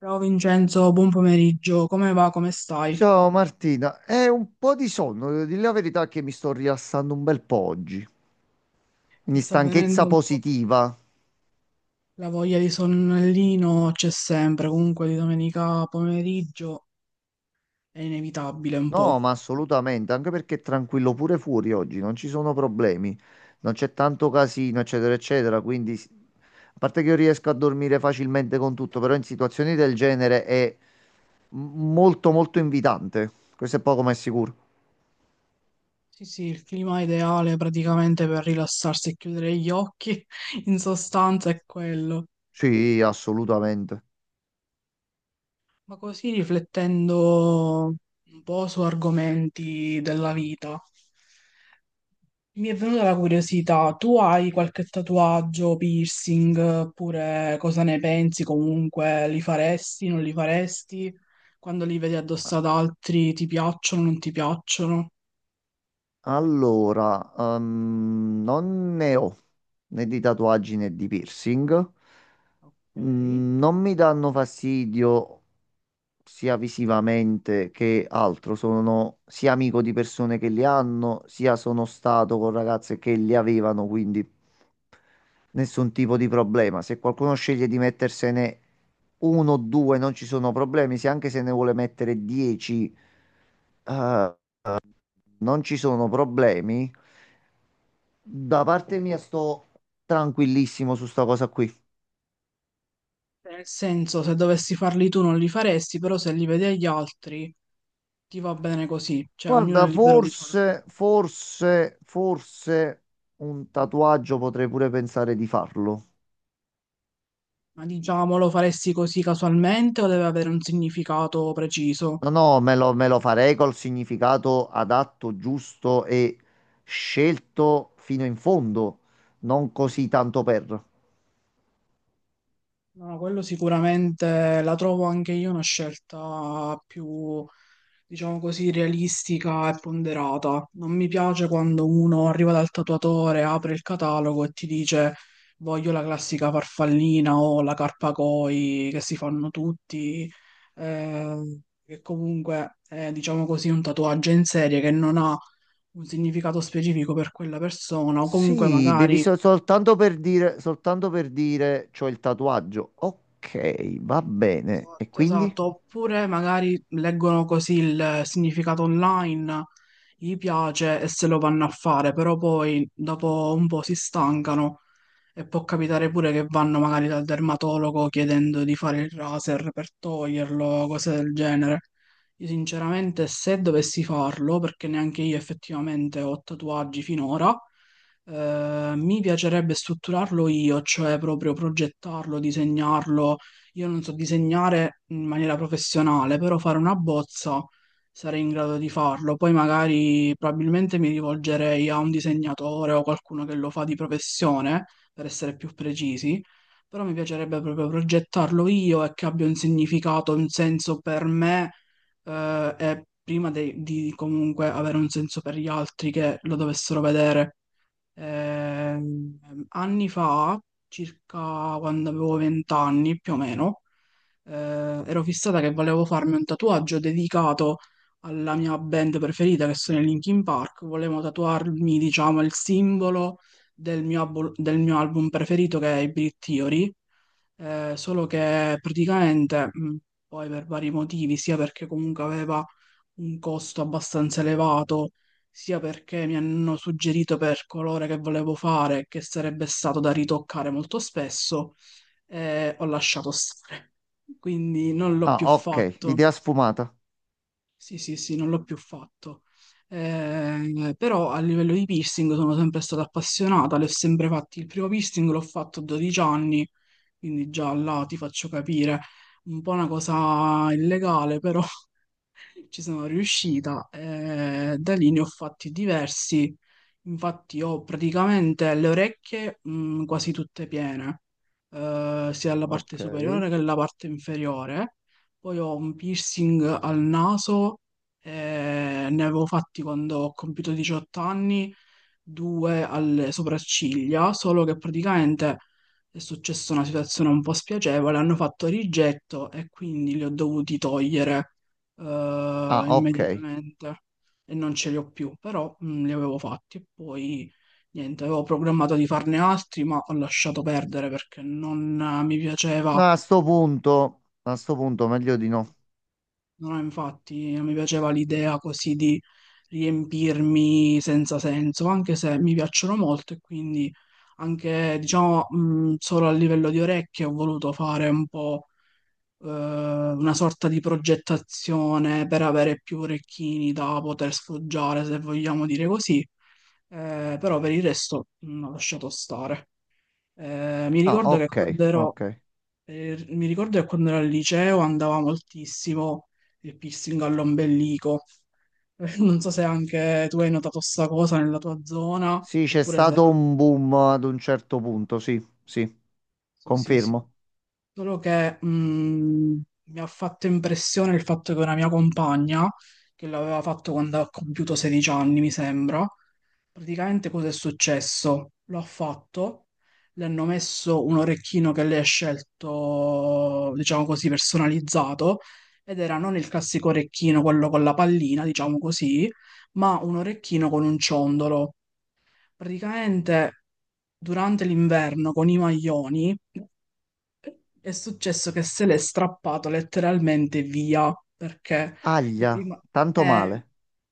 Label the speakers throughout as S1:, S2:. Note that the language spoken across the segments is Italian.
S1: Ciao Vincenzo, buon pomeriggio, come va, come stai?
S2: Ciao Martina, è un po' di sonno, devo dire la verità che mi sto rilassando un bel po' oggi.
S1: Ti
S2: Quindi
S1: sta venendo
S2: stanchezza
S1: un po'
S2: positiva?
S1: la voglia di sonnellino? C'è sempre, comunque di domenica pomeriggio è inevitabile un po'.
S2: No, ma assolutamente, anche perché è tranquillo pure fuori oggi, non ci sono problemi, non c'è tanto casino, eccetera, eccetera, quindi a parte che io riesco a dormire facilmente con tutto, però in situazioni del genere è molto molto invitante, questo è poco ma è sicuro.
S1: Sì, sì, il clima ideale praticamente per rilassarsi e chiudere gli occhi, in sostanza è quello.
S2: Sì, assolutamente.
S1: Ma così riflettendo un po' su argomenti della vita. Mi è venuta la curiosità, tu hai qualche tatuaggio, piercing, oppure cosa ne pensi comunque? Li faresti, non li faresti? Quando li vedi addosso
S2: Ah,
S1: ad altri, ti piacciono, non ti piacciono?
S2: Allora, non ne ho né di tatuaggi né di piercing.
S1: Ok.
S2: Mm, non mi danno fastidio sia visivamente che altro. Sono sia amico di persone che li hanno, sia sono stato con ragazze che li avevano, quindi nessun tipo di problema. Se qualcuno sceglie di mettersene uno o due, non ci sono problemi. Se anche se ne vuole mettere 10, eh, non ci sono problemi. Da parte mia sto tranquillissimo su sta cosa qui.
S1: Nel senso, se dovessi farli tu non li faresti, però se li vedi agli altri ti va bene così, cioè ognuno
S2: Guarda,
S1: è libero di farlo.
S2: forse un tatuaggio potrei pure pensare di farlo.
S1: Ma diciamo, lo faresti così casualmente o deve avere un significato preciso?
S2: No, no, me lo farei col significato adatto, giusto e scelto fino in fondo, non così tanto per.
S1: No, no, quello sicuramente la trovo anche io una scelta più, diciamo così, realistica e ponderata. Non mi piace quando uno arriva dal tatuatore, apre il catalogo e ti dice voglio la classica farfallina o la carpa koi che si fanno tutti, eh, che comunque è, diciamo così, un tatuaggio in serie che non ha un significato specifico per quella persona o comunque
S2: Sì, devi
S1: magari.
S2: soltanto per dire c'ho il tatuaggio. Ok, va bene. E
S1: Esatto,
S2: quindi?
S1: esatto. Oppure magari leggono così il significato online, gli piace e se lo vanno a fare, però poi dopo un po' si stancano e può capitare pure che vanno magari dal dermatologo chiedendo di fare il laser per toglierlo, cose del genere. Io sinceramente se dovessi farlo, perché neanche io effettivamente ho tatuaggi finora, mi piacerebbe strutturarlo io, cioè proprio progettarlo, disegnarlo. Io non so disegnare in maniera professionale, però fare una bozza sarei in grado di farlo. Poi magari probabilmente mi rivolgerei a un disegnatore o qualcuno che lo fa di professione, per essere più precisi, però mi piacerebbe proprio progettarlo io e che abbia un significato, un senso per me, e prima di comunque avere un senso per gli altri che lo dovessero vedere. Ehm, Anni fa, circa quando avevo 20 anni più o meno, ero fissata che volevo farmi un tatuaggio dedicato alla mia band preferita, che sono i Linkin Park. Volevo tatuarmi, diciamo, il simbolo del mio album preferito, che è i Big Theory. Solo che praticamente, poi per vari motivi, sia perché comunque aveva un costo abbastanza elevato, sia perché mi hanno suggerito per colore che volevo fare, che sarebbe stato da ritoccare molto spesso, ho lasciato stare. Quindi non l'ho
S2: Ah,
S1: più
S2: ok,
S1: fatto.
S2: idea sfumata.
S1: Sì, sì, sì, non l'ho più fatto. Però a livello di piercing sono sempre stata appassionata, le ho sempre fatti. Il primo piercing l'ho fatto a 12 anni, quindi già là ti faccio capire. Un po' una cosa illegale, però ci sono riuscita e da lì ne ho fatti diversi. Infatti ho praticamente le orecchie quasi tutte piene, sia la parte
S2: Ok.
S1: superiore che la parte inferiore. Poi ho un piercing al naso, ne avevo fatti quando ho compiuto 18 anni, due alle sopracciglia, solo che praticamente è successa una situazione un po' spiacevole, hanno fatto rigetto e quindi li ho dovuti togliere
S2: Ah, ok.
S1: immediatamente e non ce li ho più, però li avevo fatti e poi niente, avevo programmato di farne altri, ma ho lasciato perdere perché non mi piaceva,
S2: No, a sto punto meglio di no.
S1: non ho, infatti, non mi piaceva l'idea così di riempirmi senza senso, anche se mi piacciono molto e quindi anche diciamo solo a livello di orecchie ho voluto fare un po' una sorta di progettazione per avere più orecchini da poter sfoggiare, se vogliamo dire così. Però per il resto ho lasciato stare. Eh, mi
S2: Ah,
S1: ricordo che
S2: ok,
S1: quando ero,
S2: ok.
S1: mi ricordo che quando ero al liceo andava moltissimo il piercing all'ombelico. Non so se anche tu hai notato sta cosa nella tua zona,
S2: Sì, c'è
S1: oppure se
S2: stato
S1: era.
S2: un boom ad un certo punto, sì, sì.
S1: Sì, sì, sì.
S2: Confermo.
S1: Solo che mi ha fatto impressione il fatto che una mia compagna, che l'aveva fatto quando ha compiuto 16 anni, mi sembra, praticamente cosa è successo? Lo ha fatto, le hanno messo un orecchino che lei ha scelto, diciamo così, personalizzato, ed era non il classico orecchino, quello con la pallina, diciamo così, ma un orecchino con un ciondolo. Praticamente durante l'inverno con i maglioni è successo che se l'è strappato letteralmente via perché gli è
S2: Aglia,
S1: rima-
S2: tanto
S1: eh,
S2: male.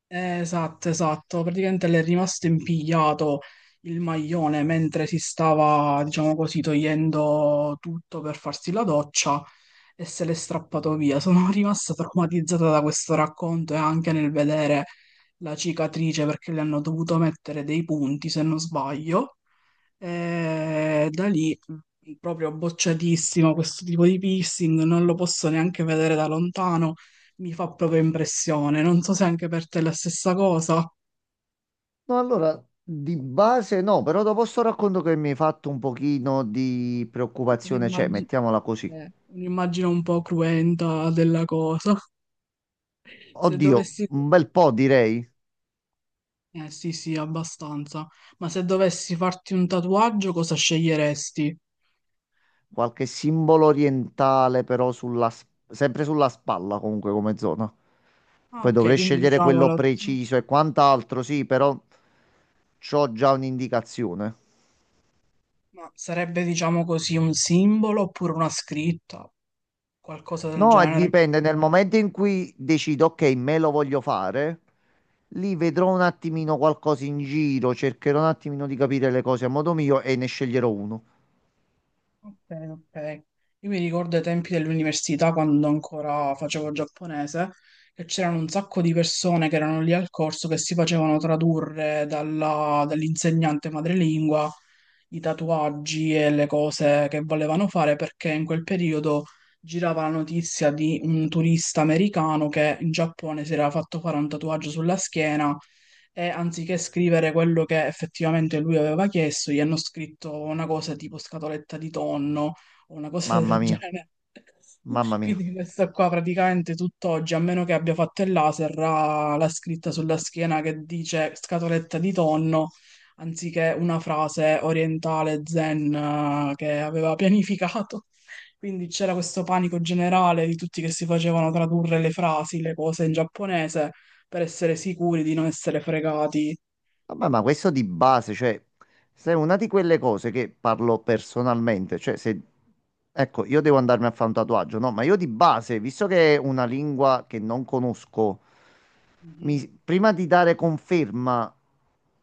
S1: esatto, esatto. Praticamente le è rimasto impigliato il maglione mentre si stava, diciamo così, togliendo tutto per farsi la doccia e se l'è strappato via. Sono rimasta traumatizzata da questo racconto e anche nel vedere la cicatrice perché le hanno dovuto mettere dei punti, se non sbaglio. E da lì proprio bocciatissimo questo tipo di piercing, non lo posso neanche vedere da lontano, mi fa proprio impressione. Non so se anche per te è la stessa cosa.
S2: No, allora, di base no, però dopo sto racconto che mi hai fatto un pochino di preoccupazione, cioè,
S1: Un'immagine
S2: mettiamola così.
S1: un'immagine un po' cruenta della cosa. Se
S2: Oddio,
S1: dovessi.
S2: un bel po' direi.
S1: Eh sì, sì, abbastanza. Ma se dovessi farti un tatuaggio, cosa sceglieresti?
S2: Qualche simbolo orientale però sempre sulla spalla comunque come zona.
S1: Ah,
S2: Poi
S1: ok,
S2: dovrei
S1: quindi
S2: scegliere
S1: diciamo
S2: quello
S1: la.
S2: preciso e quant'altro, sì, però c'ho già un'indicazione.
S1: Ma sarebbe, diciamo così, un simbolo oppure una scritta, qualcosa del
S2: No,
S1: genere.
S2: dipende, nel momento in cui decido, ok, me lo voglio fare, lì vedrò un attimino qualcosa in giro, cercherò un attimino di capire le cose a modo mio e ne sceglierò uno.
S1: Ok, ok. Io mi ricordo ai tempi dell'università, quando ancora facevo giapponese, che c'erano un sacco di persone che erano lì al corso che si facevano tradurre dall'insegnante madrelingua i tatuaggi e le cose che volevano fare, perché in quel periodo girava la notizia di un turista americano che in Giappone si era fatto fare un tatuaggio sulla schiena e anziché scrivere quello che effettivamente lui aveva chiesto, gli hanno scritto una cosa tipo scatoletta di tonno o una cosa
S2: Mamma
S1: del
S2: mia,
S1: genere.
S2: mamma mia.
S1: Quindi questa qua praticamente tutt'oggi, a meno che abbia fatto il laser, ha la scritta sulla schiena che dice scatoletta di tonno, anziché una frase orientale zen che aveva pianificato. Quindi c'era questo panico generale di tutti che si facevano tradurre le frasi, le cose in giapponese per essere sicuri di non essere fregati.
S2: Vabbè, ma questo di base, cioè, se è una di quelle cose che parlo personalmente, cioè, se, ecco, io devo andarmi a fare un tatuaggio, no? Ma io di base, visto che è una lingua che non conosco,
S1: Mhm.
S2: prima di dare conferma,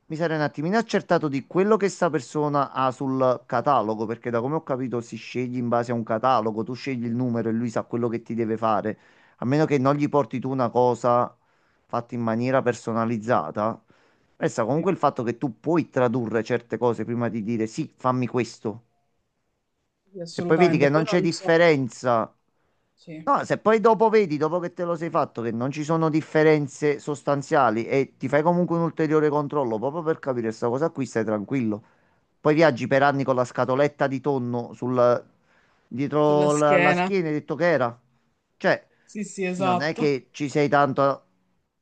S2: mi sarei un attimino accertato di quello che sta persona ha sul catalogo, perché da come ho capito si sceglie in base a un catalogo, tu scegli il numero e lui sa quello che ti deve fare, a meno che
S1: Sì,
S2: non gli porti tu una cosa fatta in maniera personalizzata. Resta
S1: sì,
S2: comunque il fatto che tu puoi tradurre certe cose prima di dire sì, fammi questo.
S1: sì,
S2: Se poi vedi
S1: assolutamente.
S2: che
S1: Poi
S2: non c'è
S1: non so,
S2: differenza,
S1: sì,
S2: no, se poi dopo vedi, dopo che te lo sei fatto, che non ci sono differenze sostanziali e ti fai comunque un ulteriore controllo proprio per capire questa cosa qui, stai tranquillo. Poi viaggi per anni con la scatoletta di tonno sul,
S1: sulla
S2: dietro la
S1: schiena.
S2: schiena, hai detto che era. Cioè,
S1: Sì, sì,
S2: non è
S1: esatto.
S2: che ci sei tanto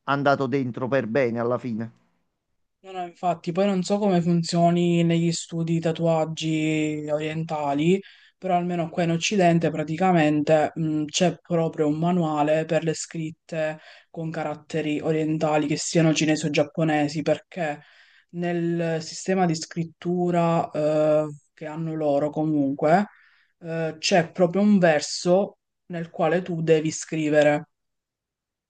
S2: andato dentro per bene alla fine.
S1: No, no, infatti, poi non so come funzioni negli studi di tatuaggi orientali, però almeno qua in Occidente praticamente c'è proprio un manuale per le scritte con caratteri orientali, che siano cinesi o giapponesi, perché nel sistema di scrittura che hanno loro comunque c'è proprio un verso nel quale tu devi scrivere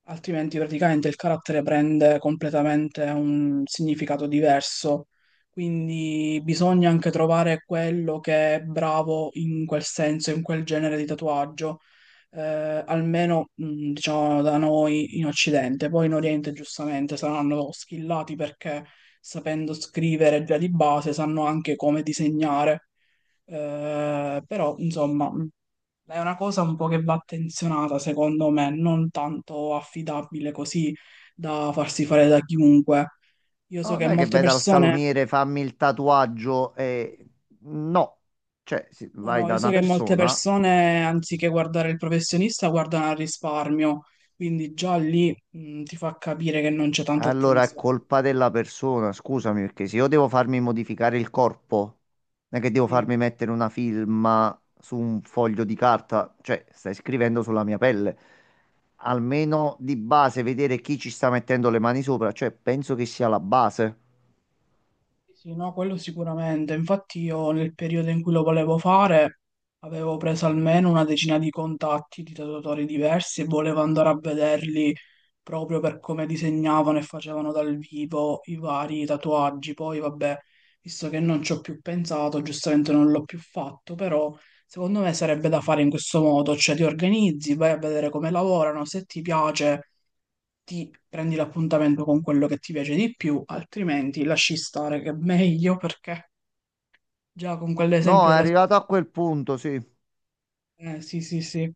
S1: altrimenti praticamente il carattere prende completamente un significato diverso. Quindi bisogna anche trovare quello che è bravo in quel senso, in quel genere di tatuaggio, eh, almeno diciamo da noi in Occidente. Poi in Oriente giustamente saranno skillati perché sapendo scrivere già di base sanno anche come disegnare. Però insomma è una cosa un po' che va attenzionata, secondo me, non tanto affidabile così da farsi fare da chiunque. Io
S2: No,
S1: so che
S2: non è che
S1: molte
S2: vai dal
S1: persone,
S2: salumiere, fammi il tatuaggio e... No, cioè se
S1: no,
S2: vai
S1: no,
S2: da
S1: io so
S2: una
S1: che molte
S2: persona,
S1: persone, anziché guardare il professionista, guardano al risparmio, quindi già lì, ti fa capire che non c'è tanta
S2: allora è
S1: attenzione.
S2: colpa della persona, scusami, perché se io devo farmi modificare il corpo, non è che devo
S1: Sì.
S2: farmi mettere una firma su un foglio di carta, cioè stai scrivendo sulla mia pelle. Almeno di base vedere chi ci sta mettendo le mani sopra, cioè penso che sia la base.
S1: Sì, sì, no, quello sicuramente. Infatti io nel periodo in cui lo volevo fare avevo preso almeno una decina di contatti di tatuatori diversi e volevo andare a vederli proprio per come disegnavano e facevano dal vivo i vari tatuaggi. Poi vabbè, visto che non ci ho più pensato, giustamente non l'ho più fatto, però secondo me sarebbe da fare in questo modo, cioè ti organizzi, vai a vedere come lavorano, se ti piace ti prendi l'appuntamento con quello che ti piace di più, altrimenti lasci stare che è meglio perché già con quell'esempio
S2: No, è
S1: della scuola.
S2: arrivato a quel punto, sì.
S1: Sì, sì, sì.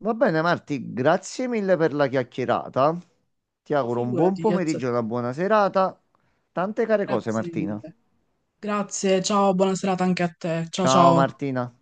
S2: Va bene, Marti, grazie mille per la chiacchierata. Ti
S1: Ma
S2: auguro un buon
S1: figurati,
S2: pomeriggio e
S1: Chiazzetto.
S2: una buona serata. Tante care cose,
S1: Grazie
S2: Martina.
S1: mille. Grazie, ciao, buona serata anche a te. Ciao,
S2: Ciao,
S1: ciao.
S2: Martina.